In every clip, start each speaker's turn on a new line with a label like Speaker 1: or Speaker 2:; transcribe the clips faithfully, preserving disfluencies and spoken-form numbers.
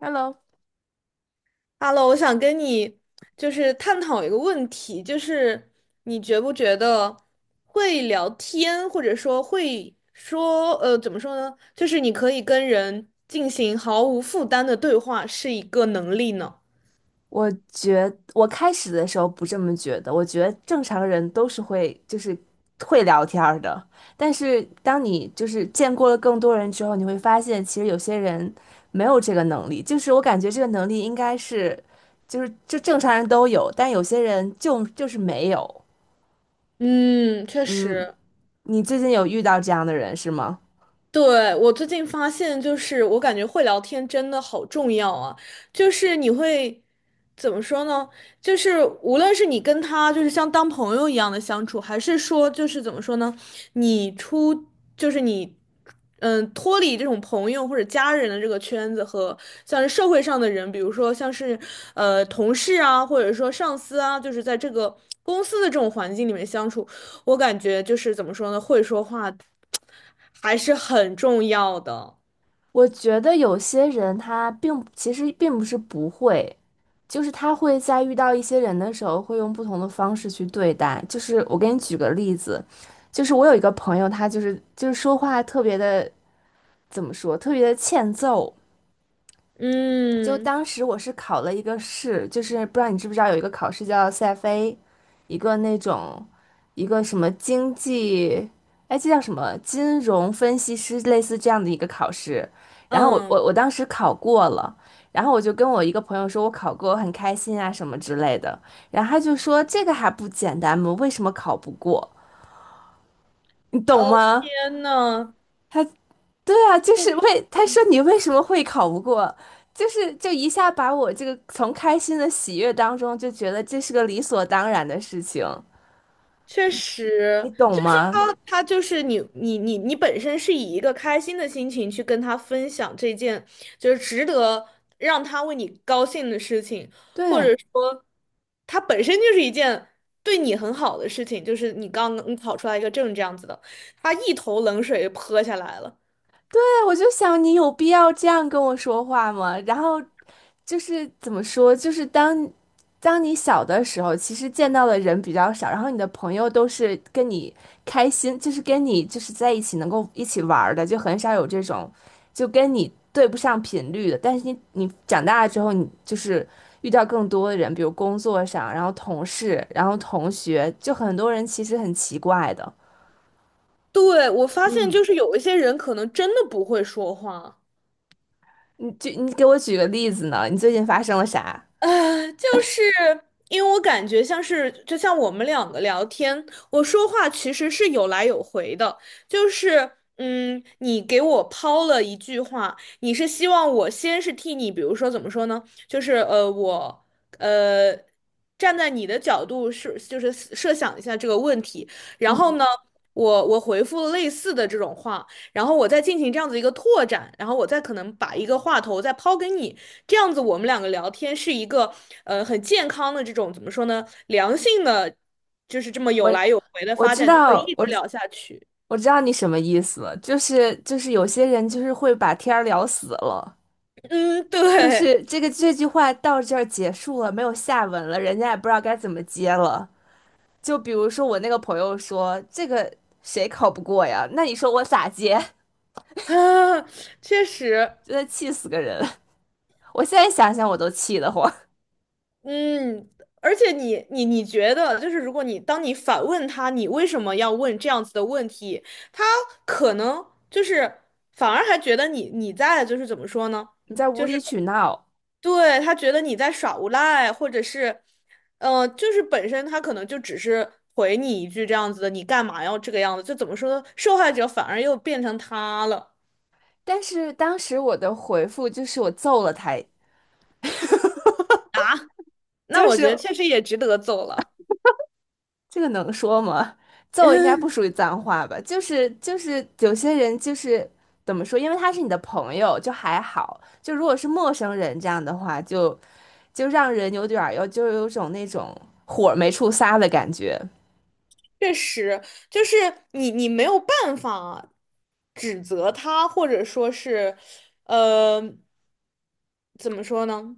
Speaker 1: Hello，
Speaker 2: h e 我想跟你就是探讨一个问题，就是你觉不觉得会聊天，或者说会说，呃，怎么说呢？就是你可以跟人进行毫无负担的对话，是一个能力呢？
Speaker 1: 我觉我开始的时候不这么觉得，我觉得正常人都是会就是会聊天儿的，但是当你就是见过了更多人之后，你会发现其实有些人没有这个能力，就是我感觉这个能力应该是就是就正常人都有，但有些人就就是没有。
Speaker 2: 嗯，确
Speaker 1: 嗯，
Speaker 2: 实。
Speaker 1: 你最近有遇到这样的人是吗？
Speaker 2: 对，我最近发现，就是我感觉会聊天真的好重要啊！就是你会怎么说呢？就是无论是你跟他就是像当朋友一样的相处，还是说就是怎么说呢？你出就是你，嗯，脱离这种朋友或者家人的这个圈子和像是社会上的人，比如说像是呃同事啊，或者说上司啊，就是在这个公司的这种环境里面相处，我感觉就是怎么说呢？会说话还是很重要的。
Speaker 1: 我觉得有些人他并其实并不是不会，就是他会在遇到一些人的时候，会用不同的方式去对待。就是我给你举个例子，就是我有一个朋友，他就是就是说话特别的怎么说，特别的欠揍。就
Speaker 2: 嗯
Speaker 1: 当时我是考了一个试，就是不知道你知不知道有一个考试叫 C F A，一个那种一个什么经济，哎，这叫什么金融分析师类似这样的一个考试。然后我
Speaker 2: 嗯，
Speaker 1: 我我当时考过了，然后我就跟我一个朋友说，我考过，我很开心啊什么之类的。然后他就说这个还不简单吗？为什么考不过？你懂
Speaker 2: 哦天
Speaker 1: 吗？
Speaker 2: 呐，
Speaker 1: 他。对啊，就是为他说你为什么会考不过，就是就一下把我这个从开心的喜悦当中就觉得这是个理所当然的事情，
Speaker 2: 确实，
Speaker 1: 你懂
Speaker 2: 就是他，
Speaker 1: 吗？
Speaker 2: 他就是你，你，你，你本身是以一个开心的心情去跟他分享这件，就是值得让他为你高兴的事情，或者
Speaker 1: 对，
Speaker 2: 说，他本身就是一件对你很好的事情，就是你刚刚考出来一个证这样子的，他一头冷水泼下来了。
Speaker 1: 对，我就想你有必要这样跟我说话吗？然后就是怎么说，就是当当你小的时候，其实见到的人比较少，然后你的朋友都是跟你开心，就是跟你就是在一起能够一起玩儿的，就很少有这种就跟你对不上频率的。但是你你长大了之后，你就是遇到更多的人，比如工作上，然后同事，然后同学，就很多人其实很奇怪的。
Speaker 2: 对，我发现
Speaker 1: 嗯，
Speaker 2: 就是有一些人可能真的不会说话。
Speaker 1: 你就你给我举个例子呢？你最近发生了啥？
Speaker 2: 呃，就是因为我感觉像是，就像我们两个聊天，我说话其实是有来有回的，就是。嗯，你给我抛了一句话，你是希望我先是替你，比如说怎么说呢？就是呃，我呃，站在你的角度是，就是设想一下这个问题，然后呢，我我回复类似的这种话，然后我再进行这样子一个拓展，然后我再可能把一个话头再抛给你，这样子我们两个聊天是一个呃很健康的这种怎么说呢，良性的，就是这么有
Speaker 1: 我
Speaker 2: 来有回的
Speaker 1: 我
Speaker 2: 发
Speaker 1: 知
Speaker 2: 展，就可以
Speaker 1: 道，
Speaker 2: 一
Speaker 1: 我
Speaker 2: 直
Speaker 1: 知
Speaker 2: 聊下去。
Speaker 1: 我知道你什么意思了，就是就是有些人就是会把天儿聊死了，
Speaker 2: 嗯，
Speaker 1: 就
Speaker 2: 对
Speaker 1: 是这个这句话到这儿结束了，没有下文了，人家也不知道该怎么接了。就比如说我那个朋友说这个谁考不过呀？那你说我咋接？
Speaker 2: 啊，确实，
Speaker 1: 真的气死个人！我现在想想我都气得慌，
Speaker 2: 嗯，而且你你你觉得就是如果你当你反问他，你为什么要问这样子的问题，他可能就是反而还觉得你你在就是怎么说呢？
Speaker 1: 你在无
Speaker 2: 就是。
Speaker 1: 理取闹。
Speaker 2: 对，他觉得你在耍无赖，或者是，呃，就是本身他可能就只是回你一句这样子的，你干嘛要这个样子？就怎么说呢？受害者反而又变成他了。
Speaker 1: 但是当时我的回复就是我揍了他，
Speaker 2: 啊，那
Speaker 1: 就
Speaker 2: 我觉得
Speaker 1: 是。
Speaker 2: 确实也值得走了。
Speaker 1: 这个能说吗？揍应该不
Speaker 2: 嗯，
Speaker 1: 属于脏话吧？就是就是有些人就是怎么说，因为他是你的朋友，就还好；就如果是陌生人这样的话，就就让人有点儿有就有种那种火没处撒的感觉。
Speaker 2: 确实，就是你你没有办法指责他，或者说是，呃，怎么说呢？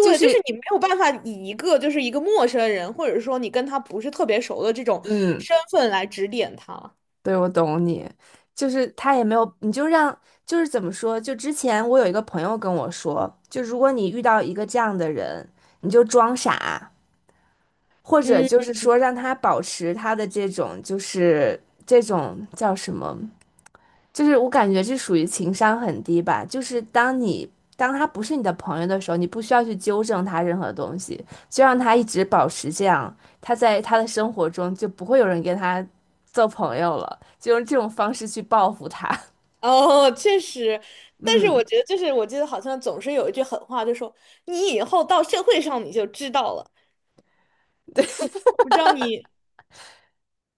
Speaker 1: 就
Speaker 2: 就是
Speaker 1: 是
Speaker 2: 你没有办法以一个就是一个陌生人，或者说你跟他不是特别熟的这种
Speaker 1: 嗯，
Speaker 2: 身份来指点他。
Speaker 1: 对，我懂你。就是他也没有，你就让就是怎么说？就之前我有一个朋友跟我说，就如果你遇到一个这样的人，你就装傻。或者
Speaker 2: 嗯，
Speaker 1: 就是说让他保持他的这种就是这种叫什么，就是我感觉这属于情商很低吧。就是当你当他不是你的朋友的时候，你不需要去纠正他任何东西，就让他一直保持这样，他在他的生活中就不会有人跟他做朋友了，就用这种方式去报复他。
Speaker 2: 哦，确实，但是我
Speaker 1: 嗯，
Speaker 2: 觉得就是我记得好像总是有一句狠话，就说你以后到社会上你就知道了。我不知道你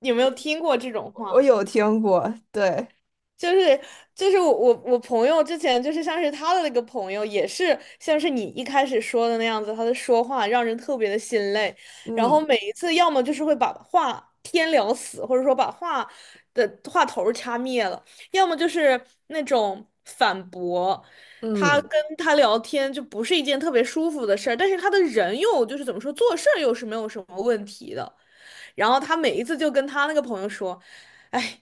Speaker 2: 有没有听过这种
Speaker 1: 我
Speaker 2: 话。
Speaker 1: 有听过，对，
Speaker 2: 就是就是我我我朋友之前就是像是他的那个朋友，也是像是你一开始说的那样子，他的说话让人特别的心累，然后
Speaker 1: 嗯
Speaker 2: 每一次要么就是会把话天聊死，或者说把话的话头儿掐灭了，要么就是那种反驳。他
Speaker 1: 嗯，
Speaker 2: 跟他聊天就不是一件特别舒服的事儿，但是他的人又就是怎么说，做事儿又是没有什么问题的。然后他每一次就跟他那个朋友说：“哎，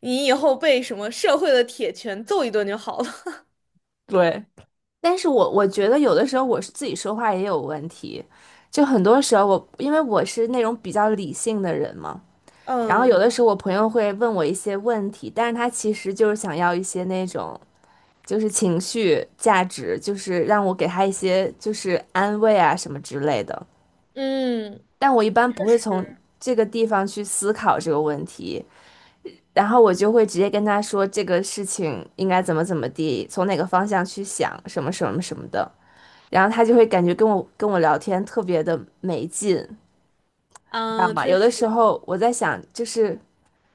Speaker 2: 你以后被什么社会的铁拳揍一顿就好了。”
Speaker 1: 对。但是我我觉得有的时候我是自己说话也有问题，就很多时候我因为我是那种比较理性的人嘛，然后有
Speaker 2: 嗯
Speaker 1: 的时候我朋友会问我一些问题，但是他其实就是想要一些那种就是情绪价值，就是让我给他一些就是安慰啊什么之类的，
Speaker 2: 嗯，
Speaker 1: 但我一般
Speaker 2: 确
Speaker 1: 不会
Speaker 2: 实，
Speaker 1: 从这个地方去思考这个问题，然后我就会直接跟他说这个事情应该怎么怎么地，从哪个方向去想什么什么什么的。然后他就会感觉跟我跟我聊天特别的没劲，你知道
Speaker 2: 嗯，
Speaker 1: 吗？
Speaker 2: 确
Speaker 1: 有的
Speaker 2: 实，
Speaker 1: 时候我在想，就是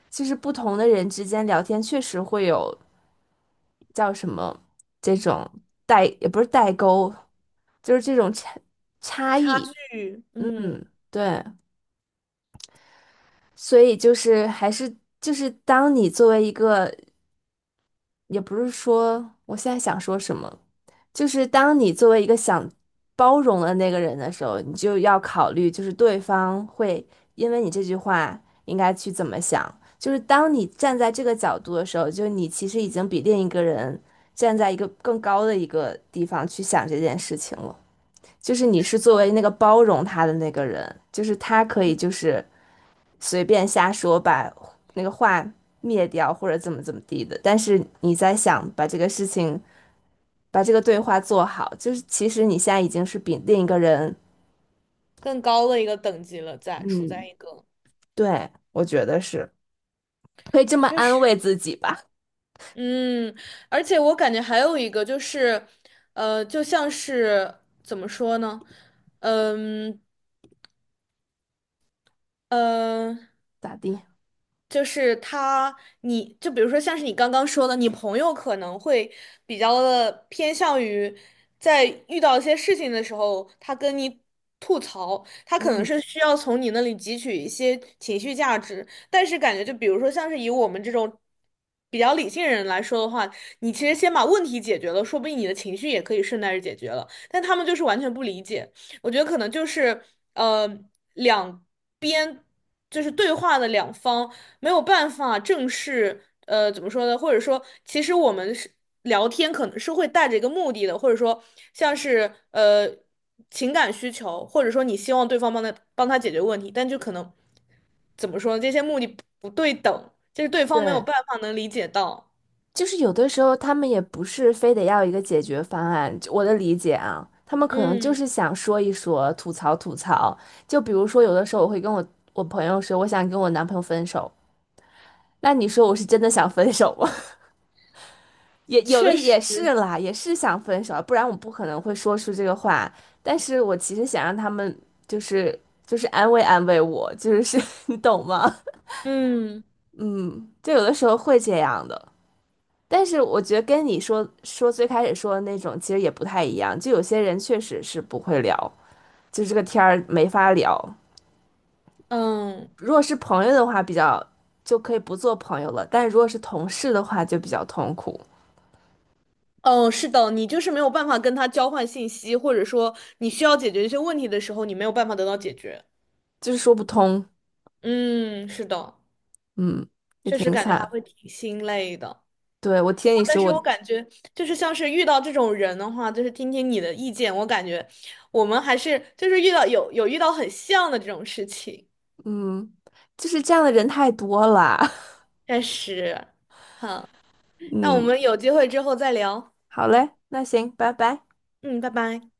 Speaker 1: 就是不同的人之间聊天确实会有叫什么这种代，也不是代沟，就是这种差差
Speaker 2: 差
Speaker 1: 异，
Speaker 2: 距，嗯，
Speaker 1: 嗯，对，所以就是还是就是当你作为一个，也不是说我现在想说什么，就是当你作为一个想包容的那个人的时候，你就要考虑，就是对方会因为你这句话应该去怎么想。就是当你站在这个角度的时候，就你其实已经比另一个人站在一个更高的一个地方去想这件事情了。就是你是
Speaker 2: 是
Speaker 1: 作为那个包容他的那个人，就是他可以就是随便瞎说，把那个话灭掉或者怎么怎么地的，但是你在想把这个事情。把这个对话做好，就是其实你现在已经是比另一个人，
Speaker 2: 更高的一个等级了在，处在
Speaker 1: 嗯
Speaker 2: 一个
Speaker 1: 对，我觉得是可以这么
Speaker 2: 确
Speaker 1: 安
Speaker 2: 实，
Speaker 1: 慰自己吧，
Speaker 2: 嗯，而且我感觉还有一个就是，呃，就像是怎么说呢，嗯呃。
Speaker 1: 咋地？
Speaker 2: 就是他，你就比如说像是你刚刚说的，你朋友可能会比较的偏向于在遇到一些事情的时候，他跟你吐槽，他可能
Speaker 1: 嗯
Speaker 2: 是需要从你那里汲取一些情绪价值，但是感觉就比如说像是以我们这种比较理性人来说的话，你其实先把问题解决了，说不定你的情绪也可以顺带着解决了，但他们就是完全不理解，我觉得可能就是呃两边就是对话的两方。没有办法正式，呃，怎么说呢？或者说，其实我们是聊天，可能是会带着一个目的的，或者说像是呃情感需求，或者说你希望对方帮他帮他解决问题，但就可能怎么说呢？这些目的不不对等，就是对方没有
Speaker 1: 对，
Speaker 2: 办法能理解到。
Speaker 1: 就是有的时候他们也不是非得要一个解决方案，就我的理解啊，他们可能就
Speaker 2: 嗯，
Speaker 1: 是想说一说，吐槽吐槽。就比如说，有的时候我会跟我我朋友说，我想跟我男朋友分手，那你说我是真的想分手吗？也有的
Speaker 2: 确
Speaker 1: 也
Speaker 2: 实，
Speaker 1: 是啦，也是想分手，不然我不可能会说出这个话。但是我其实想让他们就是就是安慰安慰我，就是是 你懂吗？
Speaker 2: 嗯
Speaker 1: 就有的时候会这样的。但是我觉得跟你说说最开始说的那种其实也不太一样，就有些人确实是不会聊，就这个天儿没法聊。
Speaker 2: 嗯。
Speaker 1: 如果是朋友的话，比较就可以不做朋友了，但如果是同事的话，就比较痛苦，
Speaker 2: 哦，是的，你就是没有办法跟他交换信息，或者说你需要解决一些问题的时候，你没有办法得到解决。
Speaker 1: 就是说不通，
Speaker 2: 嗯，是的。
Speaker 1: 嗯，也
Speaker 2: 确实
Speaker 1: 挺
Speaker 2: 感觉还
Speaker 1: 惨。
Speaker 2: 会挺心累的。
Speaker 1: 对，我听
Speaker 2: 啊
Speaker 1: 你
Speaker 2: 但
Speaker 1: 说，我
Speaker 2: 是我感觉就是像是遇到这种人的话，就是听听你的意见，我感觉我们还是就是遇到有有遇到很像的这种事情，
Speaker 1: 嗯，就是这样的人太多了。
Speaker 2: 但是好，那我
Speaker 1: 嗯，
Speaker 2: 们有机会之后再聊，
Speaker 1: 好嘞，那行，拜拜。
Speaker 2: 嗯，拜拜。